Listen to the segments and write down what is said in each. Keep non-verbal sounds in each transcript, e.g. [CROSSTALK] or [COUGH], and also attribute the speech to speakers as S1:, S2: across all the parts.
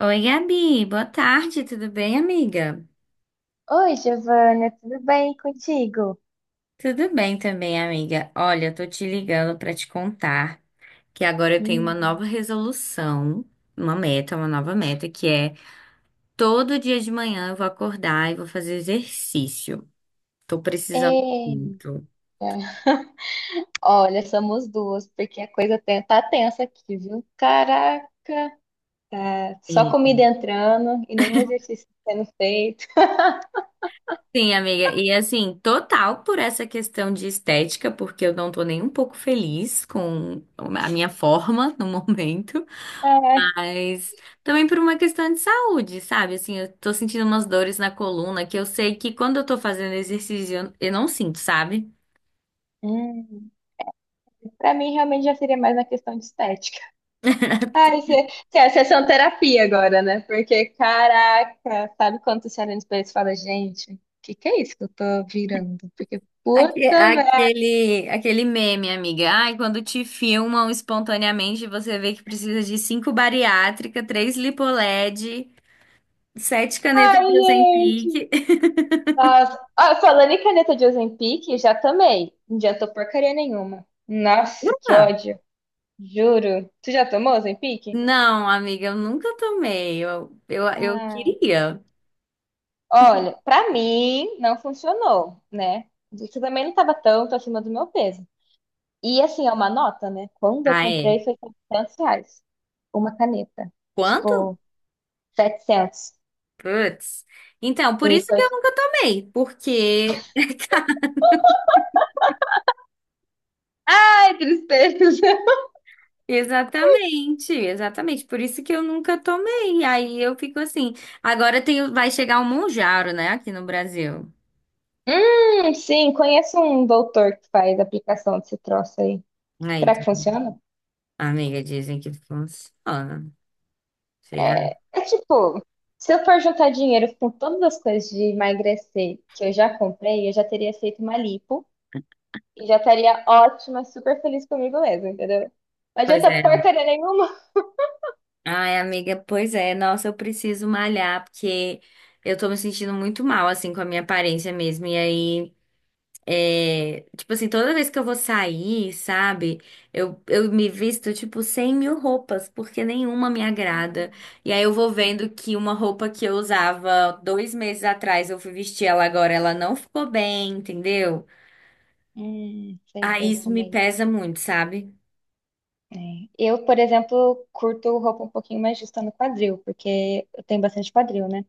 S1: Oi, Gabi, boa tarde, tudo bem, amiga?
S2: Oi, Giovana, tudo bem contigo?
S1: Tudo bem também, amiga. Olha, eu tô te ligando pra te contar que agora eu tenho uma nova
S2: Hum.
S1: resolução, uma meta, uma nova meta, que é todo dia de manhã eu vou acordar e vou fazer exercício. Tô precisando
S2: Eita,
S1: muito.
S2: olha, somos duas, porque a coisa tá tensa aqui, viu? Caraca, é, só
S1: Sim,
S2: comida entrando e nenhum exercício sendo feito.
S1: sim, amiga, e assim, total por essa questão de estética, porque eu não tô nem um pouco feliz com a minha forma no momento.
S2: Ah.
S1: Mas também por uma questão de saúde, sabe? Assim, eu tô sentindo umas dores na coluna que eu sei que quando eu tô fazendo exercício eu não sinto, sabe?
S2: Hum. Pra mim, realmente já seria mais na questão de estética. Ai, cê, é sessão terapia agora, né? Porque, caraca, sabe quando você olha no espelho e fala, gente, o que que é isso que eu tô virando? Porque,
S1: Aque-
S2: puta merda.
S1: Aquele, aquele meme, amiga. Ai, quando te filmam espontaneamente, você vê que precisa de cinco bariátrica, três lipoled, sete canetas
S2: Ai,
S1: de
S2: gente.
S1: Ozempic.
S2: Nossa. Ah, falando em caneta de Ozempic, já tomei. Não adiantou porcaria nenhuma. Nossa,
S1: [LAUGHS]
S2: que
S1: Ah,
S2: ódio. Juro. Tu já tomou Ozempic?
S1: não, amiga, eu nunca tomei. Eu
S2: Ah.
S1: queria.
S2: Olha, pra mim não funcionou, né? Isso também não tava tanto acima do meu peso. E assim, é uma nota, né? Quando eu
S1: Ah,
S2: comprei
S1: é?
S2: foi R$ 700. Uma caneta.
S1: Quanto?
S2: Tipo, 700.
S1: Putz. Então,
S2: E
S1: por isso que
S2: foi.
S1: eu nunca tomei, porque
S2: Ai, tristeza. [LAUGHS]
S1: exatamente, exatamente, por isso que eu nunca tomei. Aí eu fico assim. Agora vai chegar o Mounjaro, né, aqui no Brasil.
S2: Sim, conheço um doutor que faz aplicação desse troço aí.
S1: Aí,
S2: Será que
S1: tá.
S2: funciona?
S1: Amiga, dizem que funciona. Será?
S2: É, tipo, se eu for juntar dinheiro com todas as coisas de emagrecer que eu já comprei, eu já teria feito uma lipo e já estaria ótima, super feliz comigo mesma, entendeu? Não
S1: Pois
S2: adianta
S1: é, amiga.
S2: porcaria nenhuma.
S1: Ai, amiga, pois é. Nossa, eu preciso malhar porque eu tô me sentindo muito mal assim com a minha aparência mesmo. E aí, é, tipo assim, toda vez que eu vou sair, sabe? Eu me visto, tipo, 100 mil roupas, porque nenhuma me agrada.
S2: Hum,
S1: E aí eu vou vendo que uma roupa que eu usava 2 meses atrás, eu fui vestir ela agora, ela não ficou bem, entendeu?
S2: Sei
S1: Aí
S2: bem
S1: isso
S2: como
S1: me
S2: é.
S1: pesa muito, sabe?
S2: É. Eu, por exemplo, curto roupa um pouquinho mais justa no quadril, porque eu tenho bastante quadril, né?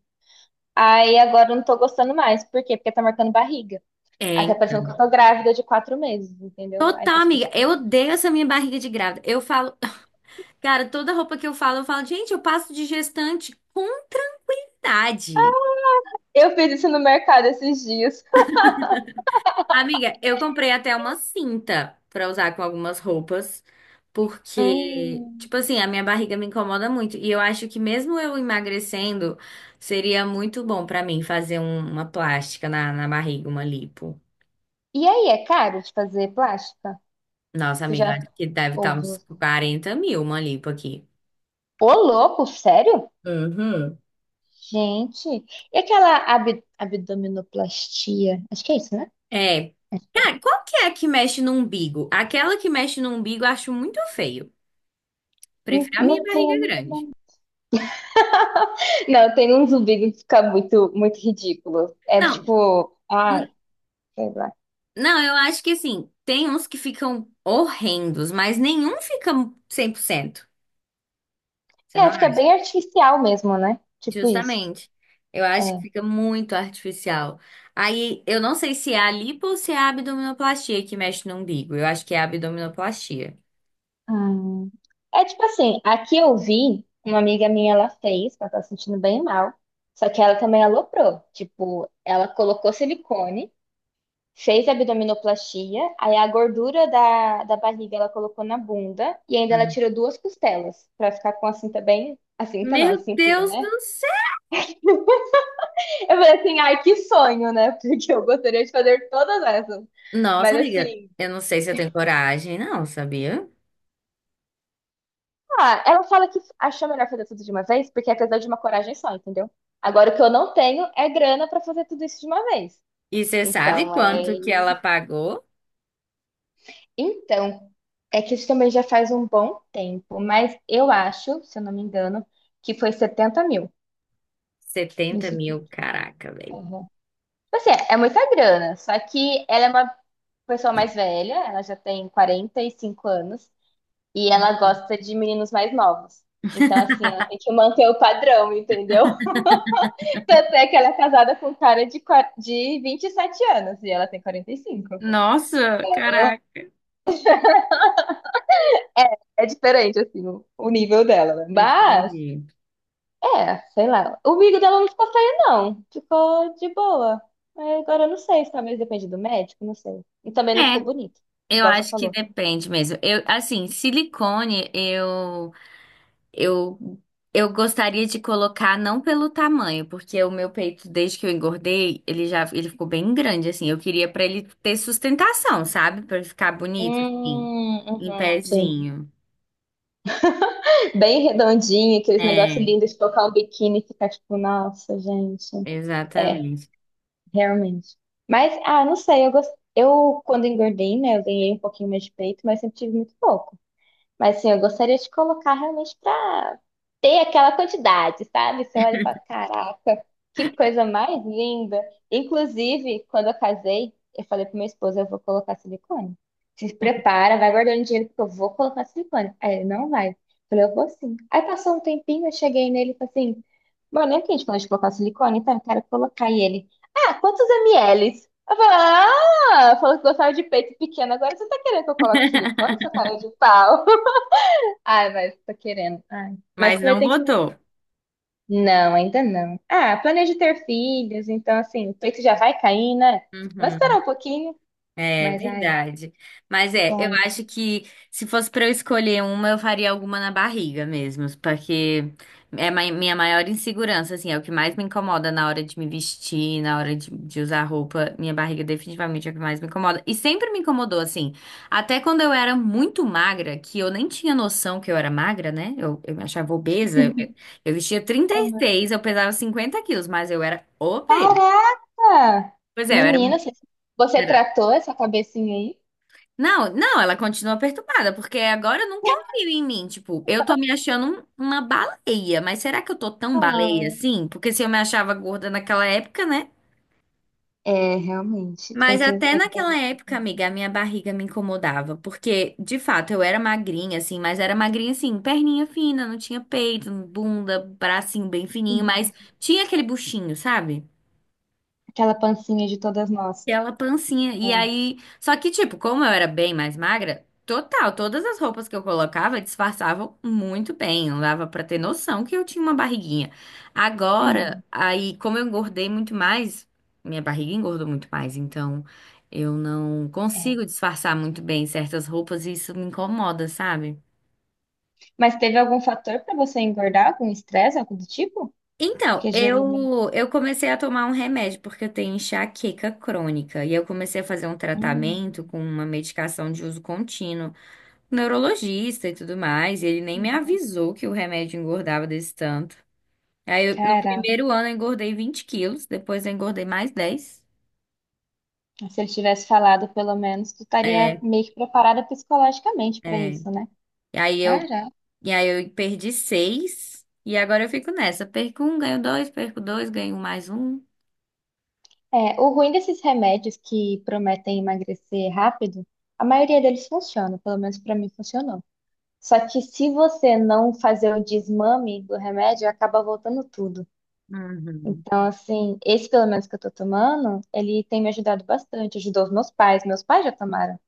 S2: Aí agora eu não tô gostando mais. Por quê? Porque tá marcando barriga.
S1: É,
S2: Aí tá parecendo que
S1: então.
S2: eu tô grávida de 4 meses, entendeu? Aí você
S1: Total,
S2: fica
S1: amiga. Eu
S2: tipo.
S1: odeio essa minha barriga de grávida. Eu falo, [LAUGHS] cara, toda roupa que eu falo, gente, eu passo de gestante com tranquilidade.
S2: Eu fiz isso no mercado esses dias.
S1: Amiga, eu comprei até uma cinta pra usar com algumas roupas, porque,
S2: Hum.
S1: tipo assim, a minha barriga me incomoda muito. E eu acho que mesmo eu emagrecendo, seria muito bom pra mim fazer uma plástica na barriga, uma lipo.
S2: E aí, é caro de fazer plástica?
S1: Nossa,
S2: Tu
S1: amiga,
S2: já
S1: acho que deve estar
S2: ouviu?
S1: uns 40 mil uma lipo aqui.
S2: Ô, louco, sério?
S1: Uhum.
S2: Gente, e aquela ab abdominoplastia? Acho que é isso, né?
S1: É. Cara, qual que é a que mexe no umbigo? Aquela que mexe no umbigo eu acho muito feio.
S2: Hum.
S1: Prefiro a minha
S2: Não tem
S1: barriga
S2: a mínima-
S1: grande.
S2: [LAUGHS] Não, tem uns vídeos que fica muito, muito ridículo. É
S1: Não.
S2: tipo, ai, sei lá.
S1: Não, eu acho que assim, tem uns que ficam horrendos, mas nenhum fica 100%. Você não
S2: É, fica
S1: acha?
S2: bem artificial mesmo, né? Tipo isso.
S1: Justamente. Eu acho que
S2: É.
S1: fica muito artificial. Aí, eu não sei se é a lipo ou se é a abdominoplastia que mexe no umbigo. Eu acho que é a abdominoplastia.
S2: Hum. É tipo assim, aqui eu vi, uma amiga minha ela fez, ela tá se sentindo bem mal, só que ela também aloprou. Tipo, ela colocou silicone, fez abdominoplastia, aí a gordura da barriga ela colocou na bunda e ainda ela
S1: Hum.
S2: tirou duas costelas pra ficar com a cinta bem. A cinta não, a
S1: Meu
S2: cintura,
S1: Deus
S2: né?
S1: do céu!
S2: [LAUGHS] Eu falei assim, ai, que sonho, né? [LAUGHS] Porque eu gostaria de fazer todas essas.
S1: Nossa,
S2: Mas
S1: amiga,
S2: assim.
S1: eu não sei se eu tenho coragem, não, sabia?
S2: Ah, ela fala que achou melhor fazer tudo de uma vez, porque é apesar de uma coragem só, entendeu? Agora, o que eu não tenho é grana pra fazer tudo isso de uma vez.
S1: E você sabe
S2: Então,
S1: quanto que ela
S2: é...
S1: pagou?
S2: Então, é que isso também já faz um bom tempo, mas eu acho, se eu não me engano, que foi 70.000
S1: Setenta
S2: nisso tudo.
S1: mil, caraca, velho.
S2: Uhum. Assim, é muita grana, só que ela é uma pessoa mais velha, ela já tem 45 anos, e ela gosta de meninos mais novos. Então, assim, ela tem que manter o padrão, entendeu? Tanto é que ela é casada com um cara de 27 anos e ela tem 45.
S1: Nossa, caraca.
S2: É diferente, assim, o nível dela, né? Mas,
S1: Entendi.
S2: é, sei lá. O amigo dela não ficou feio, não. Ficou de boa. É, agora eu não sei, se talvez depende do médico, não sei. E também não ficou
S1: É,
S2: bonito,
S1: eu
S2: igual você
S1: acho que
S2: falou.
S1: depende mesmo. Eu, assim, silicone, eu, eu gostaria de colocar não pelo tamanho, porque o meu peito, desde que eu engordei, ele ficou bem grande, assim. Eu queria pra ele ter sustentação, sabe? Pra ele ficar bonito, assim, em
S2: Uhum, sim.
S1: pezinho.
S2: Bem redondinho, aqueles negócios
S1: É,
S2: lindos de colocar um biquíni e ficar tipo, nossa, gente. É,
S1: exatamente.
S2: realmente. Mas, ah, não sei, eu quando engordei, né, eu ganhei um pouquinho mais de peito, mas sempre tive muito pouco. Mas assim, eu gostaria de colocar realmente para ter aquela quantidade, sabe? Você olha e fala, caraca, que coisa mais linda. Inclusive, quando eu casei, eu falei pro meu esposo, eu vou colocar silicone. Se prepara, vai guardando dinheiro, porque eu vou colocar silicone. Aí ele, não vai. Eu falei, eu vou sim. Aí passou um tempinho, eu cheguei nele e falei assim, mano, lembra que a gente falou de colocar silicone? Então, eu quero colocar. E ele, ah, quantos mls? Eu falei, ah, falou que gostava de peito pequeno, agora você tá querendo que eu coloque silicone, seu cara de pau? Ai, mas tô querendo. Ai. Mas
S1: Mas
S2: primeiro
S1: não
S2: tem que.
S1: botou.
S2: Não, ainda não. Ah, planejo ter filhos, então assim, o peito já vai cair, né? Vamos esperar
S1: Uhum.
S2: um pouquinho.
S1: É
S2: Mas, ai,
S1: verdade. Mas é, eu
S2: sonhos.
S1: acho que se fosse pra eu escolher uma, eu faria alguma na barriga mesmo, porque é minha maior insegurança, assim, é o que mais me incomoda na hora de me vestir, na hora de usar roupa. Minha barriga definitivamente é o que mais me incomoda. E sempre me incomodou, assim, até quando eu era muito magra, que eu nem tinha noção que eu era magra, né? Eu me achava obesa. Eu vestia
S2: Oh, meu
S1: 36, eu
S2: Deus.
S1: pesava 50 quilos, mas eu era obesa.
S2: Caraca!
S1: Pois é, eu era.
S2: Menina, você tratou essa cabecinha aí?
S1: Não, não, ela continua perturbada, porque agora eu não
S2: [LAUGHS]
S1: confio em mim. Tipo, eu tô me achando uma baleia, mas será que eu tô tão baleia
S2: Ah.
S1: assim? Porque se eu me achava gorda naquela época, né?
S2: É, realmente. Tem
S1: Mas
S2: que,
S1: até
S2: tem que dar
S1: naquela
S2: uma...
S1: época, amiga, a minha barriga me incomodava, porque de fato eu era magrinha, assim, mas era magrinha assim, perninha fina, não tinha peito, bunda, bracinho bem fininho,
S2: Uhum.
S1: mas tinha aquele buchinho, sabe?
S2: Aquela pancinha de todas nós.
S1: Aquela pancinha. E
S2: É.
S1: aí. Só que, tipo, como eu era bem mais magra, total, todas as roupas que eu colocava disfarçavam muito bem. Não dava pra ter noção que eu tinha uma barriguinha. Agora,
S2: Uhum.
S1: aí, como eu engordei muito mais, minha barriga engordou muito mais. Então, eu, não
S2: É.
S1: consigo disfarçar muito bem certas roupas e isso me incomoda, sabe?
S2: Mas teve algum fator pra você engordar? Algum estresse, algo do tipo?
S1: Então,
S2: Que geralmente.
S1: eu comecei a tomar um remédio porque eu tenho enxaqueca crônica e eu comecei a fazer um tratamento com uma medicação de uso contínuo. Neurologista e tudo mais, e ele nem me
S2: Hum.
S1: avisou que o remédio engordava desse tanto. Aí, no
S2: Cara,
S1: primeiro ano, eu engordei 20 quilos, depois eu engordei mais 10.
S2: se ele tivesse falado, pelo menos, tu estaria
S1: É,
S2: meio que preparada psicologicamente pra
S1: é.
S2: isso, né?
S1: E aí eu,
S2: Cara,
S1: e aí eu perdi 6 e agora eu fico nessa. Perco um, ganho dois, perco dois, ganho mais um.
S2: é, o ruim desses remédios que prometem emagrecer rápido, a maioria deles funciona, pelo menos pra mim funcionou. Só que se você não fazer o desmame do remédio, acaba voltando tudo.
S1: Uhum.
S2: Então, assim, esse pelo menos que eu tô tomando, ele tem me ajudado bastante. Ajudou os meus pais já tomaram.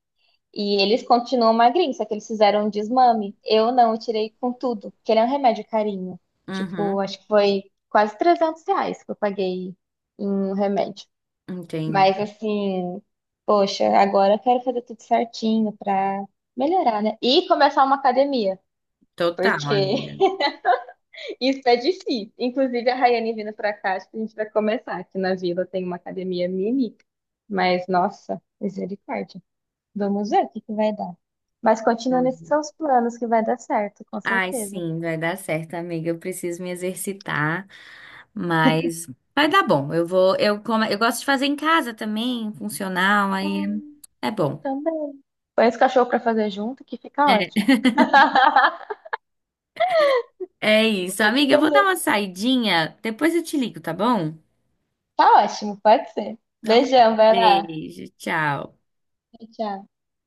S2: E eles continuam magrinhos, só que eles fizeram um desmame. Eu não, eu tirei com tudo, que ele é um remédio carinho. Tipo,
S1: Uhum.
S2: acho que foi quase R$ 300 que eu paguei em um remédio.
S1: Entendi.
S2: Mas assim, poxa, agora eu quero fazer tudo certinho pra melhorar, né? E começar uma academia,
S1: Total,
S2: porque
S1: amiga.
S2: [LAUGHS] isso é difícil. Inclusive, a Rayane vindo pra cá, acho que a gente vai começar. Aqui na vila tem uma academia mini, mas nossa, misericórdia. Vamos ver o que que vai dar. Mas continua nesses
S1: Uhum.
S2: seus planos que vai dar certo, com
S1: Ai,
S2: certeza.
S1: sim, vai dar certo, amiga. Eu preciso me exercitar. Mas vai dar bom. Eu vou, eu como, eu gosto de fazer em casa também, funcional, aí
S2: Hum,
S1: é bom.
S2: também. Põe esse cachorro pra fazer junto que fica
S1: É,
S2: ótimo. [LAUGHS]
S1: é isso, amiga. Eu vou dar
S2: Beleza.
S1: uma saidinha, depois eu te ligo, tá bom?
S2: Tá ótimo, pode ser.
S1: Então, tá.
S2: Beijão, vai lá.
S1: Beijo, tchau.
S2: Tchau, tchau.